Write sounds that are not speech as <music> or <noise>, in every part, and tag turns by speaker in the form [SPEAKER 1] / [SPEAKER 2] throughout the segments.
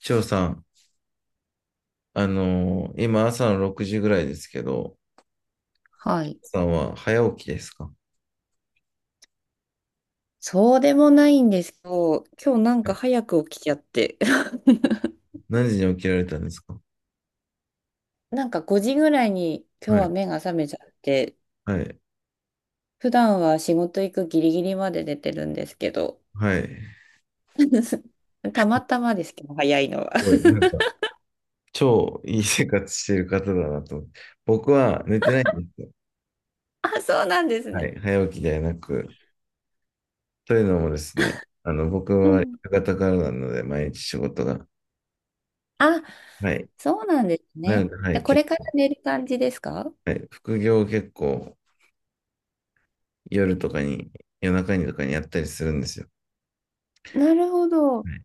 [SPEAKER 1] 翔さん、今朝の6時ぐらいですけど、
[SPEAKER 2] はい。
[SPEAKER 1] さんは早起きですか？
[SPEAKER 2] そうでもないんですけど、今日なん
[SPEAKER 1] は
[SPEAKER 2] か
[SPEAKER 1] い。
[SPEAKER 2] 早く起きちゃって、<laughs>
[SPEAKER 1] 何時に起きられたんですか？
[SPEAKER 2] なんか5時ぐらいに今日
[SPEAKER 1] は
[SPEAKER 2] は
[SPEAKER 1] い、
[SPEAKER 2] 目が覚めちゃって、
[SPEAKER 1] はい、
[SPEAKER 2] 普段は仕事行くギリギリまで寝てるんですけど、
[SPEAKER 1] はい。す
[SPEAKER 2] <laughs> たまたまですけど、早いのは。
[SPEAKER 1] ごい、
[SPEAKER 2] <laughs>
[SPEAKER 1] なんか、超いい生活してる方だなと思って。僕は寝てないんですよ。
[SPEAKER 2] あ、そうなんです
[SPEAKER 1] は
[SPEAKER 2] ね。
[SPEAKER 1] い、早起きではなく。というのもですね、僕
[SPEAKER 2] う
[SPEAKER 1] は夕
[SPEAKER 2] ん。
[SPEAKER 1] 方からなので、毎日仕事が。
[SPEAKER 2] あ、
[SPEAKER 1] はい。
[SPEAKER 2] そうなんです
[SPEAKER 1] な
[SPEAKER 2] ね。
[SPEAKER 1] ので、は
[SPEAKER 2] で、
[SPEAKER 1] い、
[SPEAKER 2] これから寝る感じですか？
[SPEAKER 1] はい、副業を結構夜とかに、夜中にとかにやったりするんですよ。
[SPEAKER 2] なるほど。
[SPEAKER 1] はい。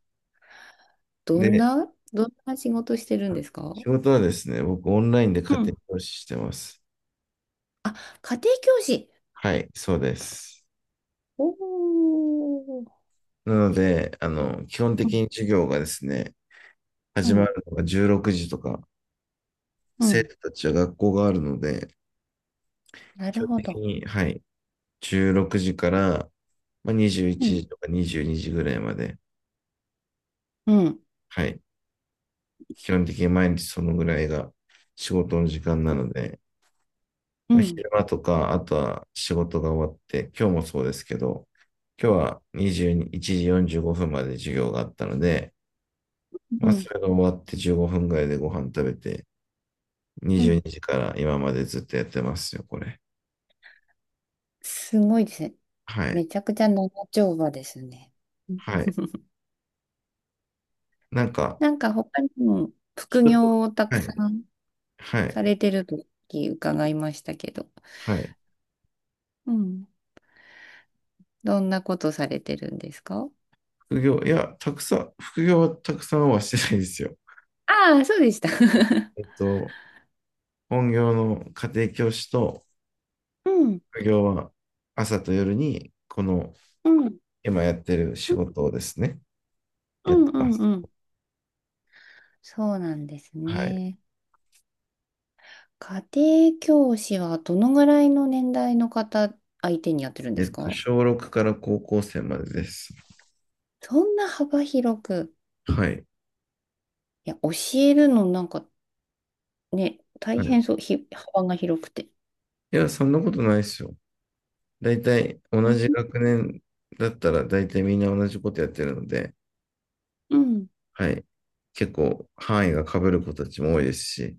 [SPEAKER 2] どん
[SPEAKER 1] で、
[SPEAKER 2] な、どんな仕事してるんですか？
[SPEAKER 1] 仕事はですね、僕オンラインで
[SPEAKER 2] う
[SPEAKER 1] 家庭
[SPEAKER 2] ん。
[SPEAKER 1] 教師してます。
[SPEAKER 2] あ、家庭教師。
[SPEAKER 1] はい、そうです。
[SPEAKER 2] おー。
[SPEAKER 1] なので、基本的に授業がですね、
[SPEAKER 2] う
[SPEAKER 1] 始ま
[SPEAKER 2] ん
[SPEAKER 1] るのが16時とか、
[SPEAKER 2] う
[SPEAKER 1] 生
[SPEAKER 2] ん。
[SPEAKER 1] 徒たちは学校があるので、
[SPEAKER 2] な
[SPEAKER 1] 基
[SPEAKER 2] る
[SPEAKER 1] 本
[SPEAKER 2] ほ
[SPEAKER 1] 的
[SPEAKER 2] ど。
[SPEAKER 1] に、はい、16時から、まあ、21
[SPEAKER 2] うん。
[SPEAKER 1] 時とか22時ぐらいまで、
[SPEAKER 2] うん。
[SPEAKER 1] はい、基本的に毎日そのぐらいが仕事の時間なので、
[SPEAKER 2] うん。
[SPEAKER 1] 昼間とか、あとは仕事が終わって、今日もそうですけど、今日は21時45分まで授業があったので、
[SPEAKER 2] う
[SPEAKER 1] まあ、そ
[SPEAKER 2] ん。
[SPEAKER 1] れが終わって15分ぐらいでご飯食べて、
[SPEAKER 2] う
[SPEAKER 1] 22
[SPEAKER 2] ん。
[SPEAKER 1] 時から今までずっとやってますよ、これ。
[SPEAKER 2] すごいですね。
[SPEAKER 1] はい。
[SPEAKER 2] めちゃくちゃ長丁場ですね。うん
[SPEAKER 1] はい。
[SPEAKER 2] <laughs>
[SPEAKER 1] なんか、
[SPEAKER 2] なんか他にも副
[SPEAKER 1] 人と、
[SPEAKER 2] 業をたく
[SPEAKER 1] は
[SPEAKER 2] さ
[SPEAKER 1] い。
[SPEAKER 2] ん
[SPEAKER 1] は
[SPEAKER 2] さ
[SPEAKER 1] い。
[SPEAKER 2] れてると伺いましたけど。
[SPEAKER 1] はい。
[SPEAKER 2] うん。どんなことされてるんですか？
[SPEAKER 1] 副業、いや、たくさん、副業はたくさんはしてないですよ。
[SPEAKER 2] ああ、そうでした。
[SPEAKER 1] えっ
[SPEAKER 2] <laughs>
[SPEAKER 1] と、本業の家庭教師と
[SPEAKER 2] うん。
[SPEAKER 1] 副業は朝と夜にこの
[SPEAKER 2] うん。
[SPEAKER 1] 今やってる仕事をですね、
[SPEAKER 2] う
[SPEAKER 1] やっ
[SPEAKER 2] ん
[SPEAKER 1] て
[SPEAKER 2] う
[SPEAKER 1] ま
[SPEAKER 2] ん
[SPEAKER 1] す。
[SPEAKER 2] うん。そうなんです
[SPEAKER 1] はい。
[SPEAKER 2] ね。家庭教師はどのぐらいの年代の方相手にやってるんですか？
[SPEAKER 1] 小6から高校生までです。
[SPEAKER 2] そんな幅広く、
[SPEAKER 1] はい。
[SPEAKER 2] いや、教えるのなんかね、大
[SPEAKER 1] はい、い
[SPEAKER 2] 変そう、幅が広くて。
[SPEAKER 1] や、そんなことないですよ。大体、
[SPEAKER 2] う
[SPEAKER 1] 同
[SPEAKER 2] ん。
[SPEAKER 1] じ学年だったら、大体みんな同じことやってるので、
[SPEAKER 2] うん。
[SPEAKER 1] はい。結構、範囲が被る子たちも多いですし、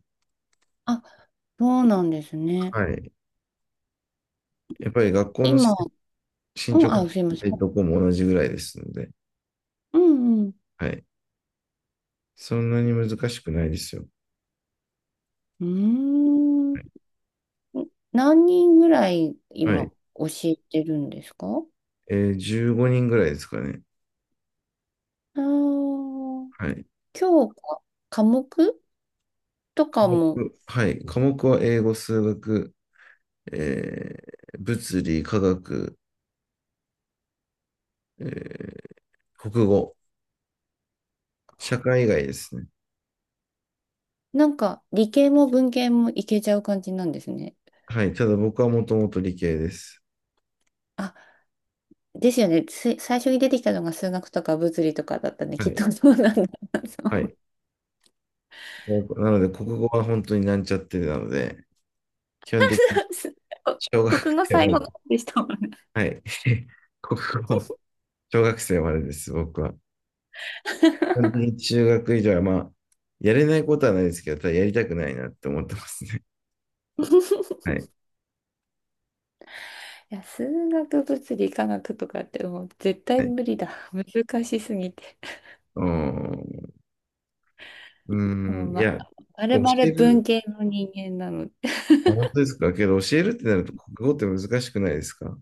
[SPEAKER 2] あ、そうなんですね。
[SPEAKER 1] はい。やっぱり学校の
[SPEAKER 2] 今、う
[SPEAKER 1] 進
[SPEAKER 2] ん、
[SPEAKER 1] 捗
[SPEAKER 2] あ、すいません。
[SPEAKER 1] どこも同じぐらいですので、
[SPEAKER 2] うんうん。
[SPEAKER 1] はい。そんなに難しくないですよ。
[SPEAKER 2] うー
[SPEAKER 1] はい。
[SPEAKER 2] ん。何人ぐらい
[SPEAKER 1] は
[SPEAKER 2] 今
[SPEAKER 1] い。
[SPEAKER 2] 教えてるんですか？あ
[SPEAKER 1] 15人ぐらいですかね。
[SPEAKER 2] あー、
[SPEAKER 1] はい。
[SPEAKER 2] 今日か、科目と
[SPEAKER 1] 科
[SPEAKER 2] かも、
[SPEAKER 1] はい。科目は英語、数学、え物理、科学、えー国語、社会以外ですね。
[SPEAKER 2] なんか理系も文系もいけちゃう感じなんですね。
[SPEAKER 1] はい。ただ僕はもともと理系です。
[SPEAKER 2] あ、ですよね。つい最初に出てきたのが数学とか物理とかだったね。
[SPEAKER 1] は
[SPEAKER 2] きっ
[SPEAKER 1] い。
[SPEAKER 2] とそうなんだなと
[SPEAKER 1] は
[SPEAKER 2] 思う。
[SPEAKER 1] い。もうなので、国語は本当になんちゃってなので、基本的に
[SPEAKER 2] <laughs>
[SPEAKER 1] 小学
[SPEAKER 2] 国語
[SPEAKER 1] 生
[SPEAKER 2] 最
[SPEAKER 1] ま
[SPEAKER 2] 後の
[SPEAKER 1] で。
[SPEAKER 2] 方でしたもんね。
[SPEAKER 1] はい。<laughs> 国語は小学生までです、僕は。基本的に
[SPEAKER 2] <laughs>
[SPEAKER 1] 中学以上は、まあ、やれないことはないですけど、ただやりたくないなって思ってますね。はい。
[SPEAKER 2] いや、数学、物理、科学とかってもう絶対
[SPEAKER 1] はい。
[SPEAKER 2] 無理だ。難しすぎて。
[SPEAKER 1] うん。う
[SPEAKER 2] も
[SPEAKER 1] ん、
[SPEAKER 2] う
[SPEAKER 1] い
[SPEAKER 2] ま、
[SPEAKER 1] や、
[SPEAKER 2] まる
[SPEAKER 1] 教
[SPEAKER 2] まる
[SPEAKER 1] え
[SPEAKER 2] 文
[SPEAKER 1] る。
[SPEAKER 2] 系の人間なので。
[SPEAKER 1] あ、本当ですか。けど、教えるってなると、国語って難しくないですか？は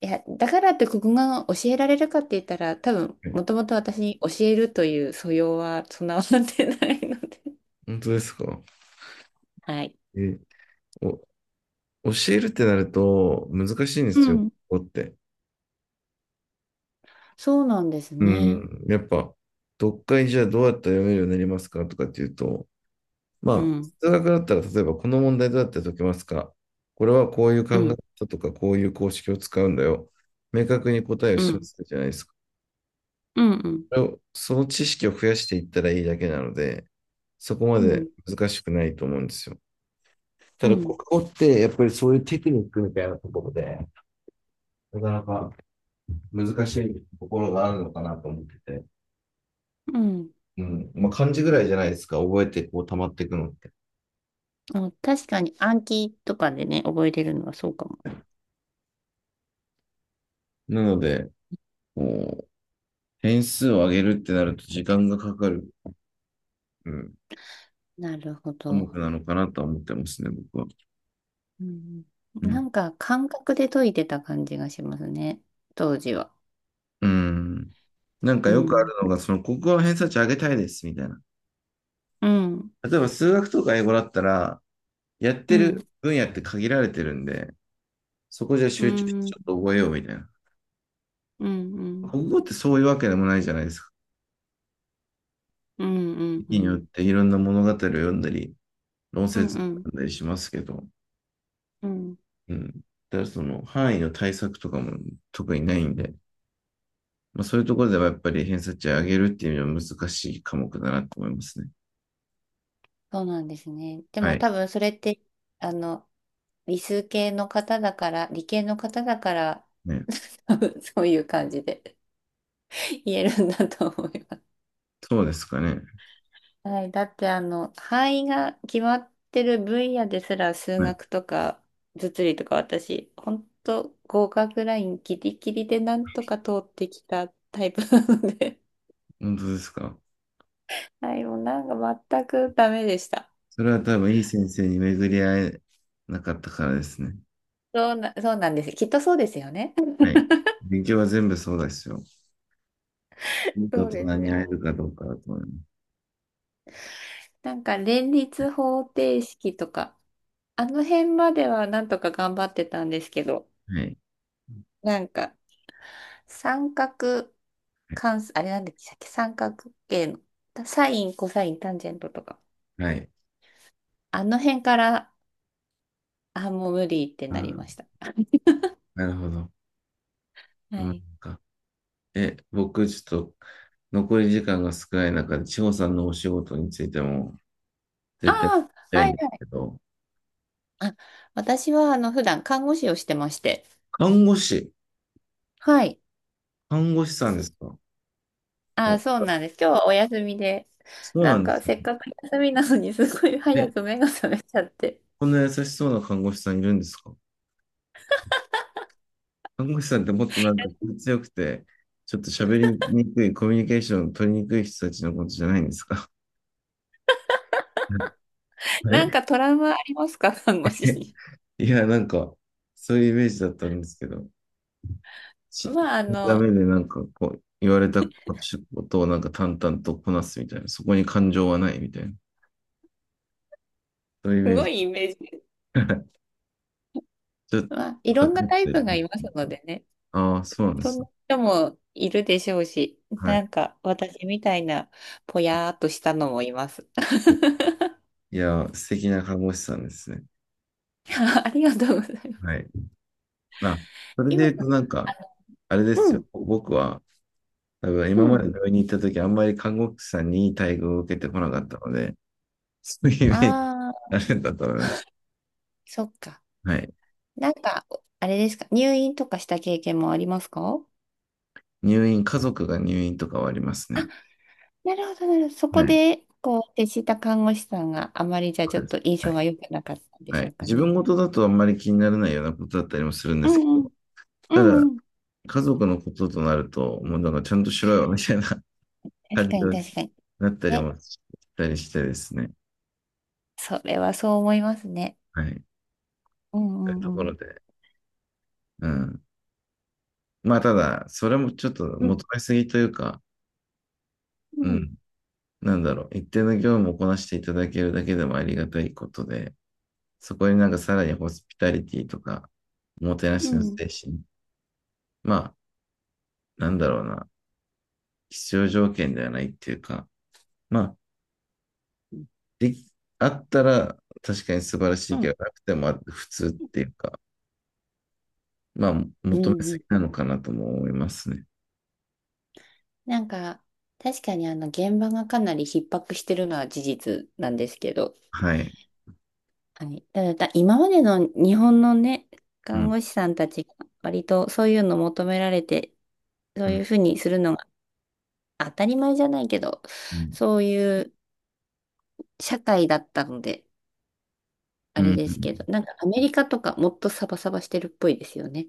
[SPEAKER 2] いや、だからって国語が教えられるかって言ったら、多分、
[SPEAKER 1] い。
[SPEAKER 2] もともと私に教えるという素養は備わってないので。
[SPEAKER 1] 本当ですか？
[SPEAKER 2] はい。
[SPEAKER 1] え、お、教えるってなると、難しいんで
[SPEAKER 2] う
[SPEAKER 1] すよ、
[SPEAKER 2] ん。
[SPEAKER 1] 国語って。
[SPEAKER 2] そうなんです
[SPEAKER 1] う
[SPEAKER 2] ね。
[SPEAKER 1] ん、やっぱ、読解じゃあどうやったら読めるようになりますかとかっていうと、
[SPEAKER 2] う
[SPEAKER 1] まあ、
[SPEAKER 2] ん。
[SPEAKER 1] 数学だったら、例えば、この問題どうやって解けますか？これはこういう考え
[SPEAKER 2] うん。
[SPEAKER 1] 方とか、こういう公式を使うんだよ。明確に答えを
[SPEAKER 2] う
[SPEAKER 1] 示
[SPEAKER 2] ん、
[SPEAKER 1] すじゃないですか。
[SPEAKER 2] うん、うん、
[SPEAKER 1] それをその知識を増やしていったらいいだけなので、そこま
[SPEAKER 2] うん、
[SPEAKER 1] で難しくないと思うんですよ。
[SPEAKER 2] う
[SPEAKER 1] ただ、国
[SPEAKER 2] ん。
[SPEAKER 1] 語ってやっぱりそういうテクニックみたいなところで、なかなか難しいところがあるのかなと思ってて、
[SPEAKER 2] うん、
[SPEAKER 1] うん。まあ、漢字ぐらいじゃないですか、覚えてこう溜まっていくのって。
[SPEAKER 2] あ、確かに暗記とかでね、覚えれるのはそうかも。
[SPEAKER 1] なので、こう、点数を上げるってなると時間がかかる、うん、
[SPEAKER 2] なるほ
[SPEAKER 1] 科
[SPEAKER 2] ど。
[SPEAKER 1] 目なのかなとは思ってますね、僕は。
[SPEAKER 2] うん、
[SPEAKER 1] う
[SPEAKER 2] な
[SPEAKER 1] ん。
[SPEAKER 2] んか感覚で解いてた感じがしますね、当時は。
[SPEAKER 1] うん。なんか
[SPEAKER 2] う
[SPEAKER 1] よくあ
[SPEAKER 2] ん、
[SPEAKER 1] るのが、その国語の偏差値上げたいです、みたいな。
[SPEAKER 2] うん、
[SPEAKER 1] 例えば数学とか英語だったら、やっ
[SPEAKER 2] う
[SPEAKER 1] てる
[SPEAKER 2] ん、
[SPEAKER 1] 分野って限られてるんで、そこじゃ
[SPEAKER 2] う
[SPEAKER 1] 集中してち
[SPEAKER 2] ん、
[SPEAKER 1] ょっと覚えようみたいな。
[SPEAKER 2] うん、うん、
[SPEAKER 1] 国語ってそういうわけでもないじゃないですか。
[SPEAKER 2] うん、うん、うん、
[SPEAKER 1] 時に
[SPEAKER 2] う
[SPEAKER 1] よっ
[SPEAKER 2] ん、
[SPEAKER 1] ていろんな物語を読んだり、論説を読んだりしますけど、うん。だからその範囲の対策とかも特にないんで、まあ、そういうところではやっぱり偏差値を上げるっていうのは難しい科目だなと思いますね。
[SPEAKER 2] そうなんですね。で
[SPEAKER 1] は
[SPEAKER 2] も
[SPEAKER 1] い。
[SPEAKER 2] 多分それって、あの、理数系の方だから、理系の方だから、
[SPEAKER 1] ね。
[SPEAKER 2] <laughs> そういう感じで。言えるんだと思います。
[SPEAKER 1] そうですかね。
[SPEAKER 2] はい。だってあの、範囲が決まってる分野ですら数
[SPEAKER 1] はい。
[SPEAKER 2] 学とか物理とか私、本当合格ラインギリギリでなんとか通ってきたタイプなので。
[SPEAKER 1] 本当ですか。
[SPEAKER 2] <laughs> はい、もうなんか全くダメでした。
[SPEAKER 1] それは多分いい先生に巡り合えなかったからですね。
[SPEAKER 2] そうなんです。きっとそうですよね。
[SPEAKER 1] はい。勉強は全部そうですよ。いい大
[SPEAKER 2] そう
[SPEAKER 1] 人
[SPEAKER 2] ですね。
[SPEAKER 1] に会えるかどうかだと思います。
[SPEAKER 2] なんか連立方程式とか、あの辺まではなんとか頑張ってたんですけど、
[SPEAKER 1] はい。
[SPEAKER 2] なんか三角
[SPEAKER 1] はい。
[SPEAKER 2] 関数、あれなんでしたっけ三角形の。サイン、コサイン、タンジェントとか。
[SPEAKER 1] はい。
[SPEAKER 2] あの辺から、あ、もう無理って
[SPEAKER 1] あ
[SPEAKER 2] なりまし
[SPEAKER 1] ー、
[SPEAKER 2] た。
[SPEAKER 1] なるほど。あ
[SPEAKER 2] は
[SPEAKER 1] ーな
[SPEAKER 2] い。
[SPEAKER 1] んか、僕、ちょっと、残り時間が少ない中で、千穂さんのお仕事についても、
[SPEAKER 2] あ
[SPEAKER 1] 絶対聞き
[SPEAKER 2] あ、
[SPEAKER 1] たい
[SPEAKER 2] は
[SPEAKER 1] ん
[SPEAKER 2] い
[SPEAKER 1] です
[SPEAKER 2] はい。
[SPEAKER 1] けど、
[SPEAKER 2] あ、私は、あの、普段看護師をしてまして。
[SPEAKER 1] 看護師、
[SPEAKER 2] はい。
[SPEAKER 1] 看護師さんですか？
[SPEAKER 2] あ、
[SPEAKER 1] お、
[SPEAKER 2] そうなんです。今日はお休みで。
[SPEAKER 1] そう
[SPEAKER 2] な
[SPEAKER 1] な
[SPEAKER 2] ん
[SPEAKER 1] んで
[SPEAKER 2] か、
[SPEAKER 1] すね。
[SPEAKER 2] せっかく休みなのに、すごい早
[SPEAKER 1] え、
[SPEAKER 2] く目が覚めちゃって。
[SPEAKER 1] こんな優しそうな看護師さんいるんですか？看護師さんってもっとなんか気強くて、ちょっと喋りにくい、コミュニケーション取りにくい人たちのことじゃないんですか？
[SPEAKER 2] なん
[SPEAKER 1] <laughs>
[SPEAKER 2] かトラウマありますか、看護師
[SPEAKER 1] え、
[SPEAKER 2] に？
[SPEAKER 1] いや、なんか、そういうイメージだったんですけど、し、
[SPEAKER 2] まあ、あ
[SPEAKER 1] ダメ
[SPEAKER 2] の、
[SPEAKER 1] でなんかこう、言われたことをなんか淡々とこなすみたいな、そこに感情はないみたいな、そういうイ
[SPEAKER 2] す
[SPEAKER 1] メー
[SPEAKER 2] ご
[SPEAKER 1] ジ。
[SPEAKER 2] いイメージ。
[SPEAKER 1] <laughs> ちょっ
[SPEAKER 2] まあ、い
[SPEAKER 1] と、
[SPEAKER 2] ろんな
[SPEAKER 1] 偏っ
[SPEAKER 2] タイ
[SPEAKER 1] てる
[SPEAKER 2] プが
[SPEAKER 1] ね。
[SPEAKER 2] いますのでね。
[SPEAKER 1] ああ、そうなんで
[SPEAKER 2] そん
[SPEAKER 1] す
[SPEAKER 2] な
[SPEAKER 1] ね。
[SPEAKER 2] 人もいるでしょうし、
[SPEAKER 1] は
[SPEAKER 2] な
[SPEAKER 1] い。
[SPEAKER 2] んか私みたいなぽやーっとしたのもいます。<laughs>
[SPEAKER 1] いや、素敵な看護師さんですね。
[SPEAKER 2] ありがとうございま
[SPEAKER 1] は
[SPEAKER 2] す。
[SPEAKER 1] い。あ、それで
[SPEAKER 2] 今、
[SPEAKER 1] 言うとなんか、あれで
[SPEAKER 2] う
[SPEAKER 1] すよ。
[SPEAKER 2] ん、
[SPEAKER 1] 僕は、多分
[SPEAKER 2] う
[SPEAKER 1] 今まで
[SPEAKER 2] ん。
[SPEAKER 1] 病院に行った時、あんまり看護師さんにいい待遇を受けてこなかったので、そういうイメージ
[SPEAKER 2] あ
[SPEAKER 1] あ
[SPEAKER 2] あ、
[SPEAKER 1] るんだったらね。
[SPEAKER 2] そっか。
[SPEAKER 1] はい。
[SPEAKER 2] なんか、あれですか、入院とかした経験もありますか？
[SPEAKER 1] 入院、家族が入院とかはあります
[SPEAKER 2] あ、
[SPEAKER 1] ね。
[SPEAKER 2] なるほど、なるほど。そこ
[SPEAKER 1] はい。
[SPEAKER 2] で、こう、接した看護師さんがあまりじゃ
[SPEAKER 1] そ
[SPEAKER 2] ちょ
[SPEAKER 1] う
[SPEAKER 2] っ
[SPEAKER 1] です。
[SPEAKER 2] と印
[SPEAKER 1] は
[SPEAKER 2] 象
[SPEAKER 1] い。
[SPEAKER 2] が良くなかったんで
[SPEAKER 1] は
[SPEAKER 2] しょう
[SPEAKER 1] い。
[SPEAKER 2] か
[SPEAKER 1] 自
[SPEAKER 2] ね。
[SPEAKER 1] 分事だとあんまり気にならないようなことだったりもするんで
[SPEAKER 2] う
[SPEAKER 1] すけ
[SPEAKER 2] んうん、
[SPEAKER 1] ど、
[SPEAKER 2] う
[SPEAKER 1] た
[SPEAKER 2] ん
[SPEAKER 1] だ、
[SPEAKER 2] うん。
[SPEAKER 1] 家族のこととなると、もうなんかちゃんとしろよ、みたいな <laughs>
[SPEAKER 2] 確
[SPEAKER 1] 感
[SPEAKER 2] かに、
[SPEAKER 1] 情に
[SPEAKER 2] 確かに。
[SPEAKER 1] なったり
[SPEAKER 2] ね、
[SPEAKER 1] もしたりしてですね。
[SPEAKER 2] それはそう思いますね。
[SPEAKER 1] はい。
[SPEAKER 2] う
[SPEAKER 1] そういう
[SPEAKER 2] んう
[SPEAKER 1] と
[SPEAKER 2] んう
[SPEAKER 1] ころ
[SPEAKER 2] ん。
[SPEAKER 1] で。うん。まあ、ただ、それもちょっと
[SPEAKER 2] うん
[SPEAKER 1] 求めすぎというか、
[SPEAKER 2] う
[SPEAKER 1] う
[SPEAKER 2] ん
[SPEAKER 1] ん。なんだろう。一定の業務をこなしていただけるだけでもありがたいことで、そこになんかさらにホスピタリティとか、おもてな
[SPEAKER 2] う
[SPEAKER 1] しの
[SPEAKER 2] ん。
[SPEAKER 1] 精神。まあ、なんだろうな、必要条件ではないっていうか、まあ、
[SPEAKER 2] うん
[SPEAKER 1] でき、あったら確かに素晴らし
[SPEAKER 2] う
[SPEAKER 1] いけ
[SPEAKER 2] ん。
[SPEAKER 1] ど、なくても普通っていうか、まあ、
[SPEAKER 2] う
[SPEAKER 1] 求め
[SPEAKER 2] んう
[SPEAKER 1] す
[SPEAKER 2] ん、
[SPEAKER 1] ぎなのかなとも思いますね。
[SPEAKER 2] なんか、確かにあの、現場がかなり逼迫してるのは事実なんですけど、
[SPEAKER 1] はい。
[SPEAKER 2] はい。ただ、今までの日本のね、
[SPEAKER 1] う
[SPEAKER 2] 看
[SPEAKER 1] ん、
[SPEAKER 2] 護師さんたちが割とそういうの求められて、そ
[SPEAKER 1] う
[SPEAKER 2] うい
[SPEAKER 1] ん、
[SPEAKER 2] うふうにするのが当たり前じゃないけど、
[SPEAKER 1] うん、
[SPEAKER 2] そういう社会だったので、
[SPEAKER 1] う
[SPEAKER 2] あれ
[SPEAKER 1] ん。
[SPEAKER 2] で
[SPEAKER 1] う
[SPEAKER 2] すけど、
[SPEAKER 1] ん。
[SPEAKER 2] なんかアメリカとかもっとサバサバしてるっぽいですよね。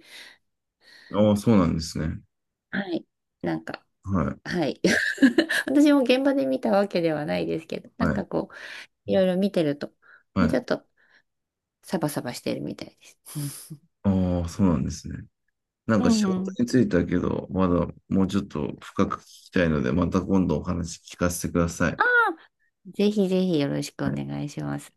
[SPEAKER 1] ああ、そうなんですね。
[SPEAKER 2] はい。なんか、
[SPEAKER 1] はい、
[SPEAKER 2] はい。<laughs> 私も現場で見たわけではないですけど、な
[SPEAKER 1] は
[SPEAKER 2] んか
[SPEAKER 1] い、
[SPEAKER 2] こう、いろいろ見てると、
[SPEAKER 1] は
[SPEAKER 2] もうちょ
[SPEAKER 1] い。
[SPEAKER 2] っとサバサバしてるみたいです。
[SPEAKER 1] ああ、そうなんですね。なん
[SPEAKER 2] う
[SPEAKER 1] か
[SPEAKER 2] ん
[SPEAKER 1] 仕
[SPEAKER 2] う
[SPEAKER 1] 事
[SPEAKER 2] ん。
[SPEAKER 1] についてだけど、まだもうちょっと深く聞きたいので、また今度お話聞かせてください。
[SPEAKER 2] ぜひぜひよろしく
[SPEAKER 1] は
[SPEAKER 2] お
[SPEAKER 1] い
[SPEAKER 2] 願いします。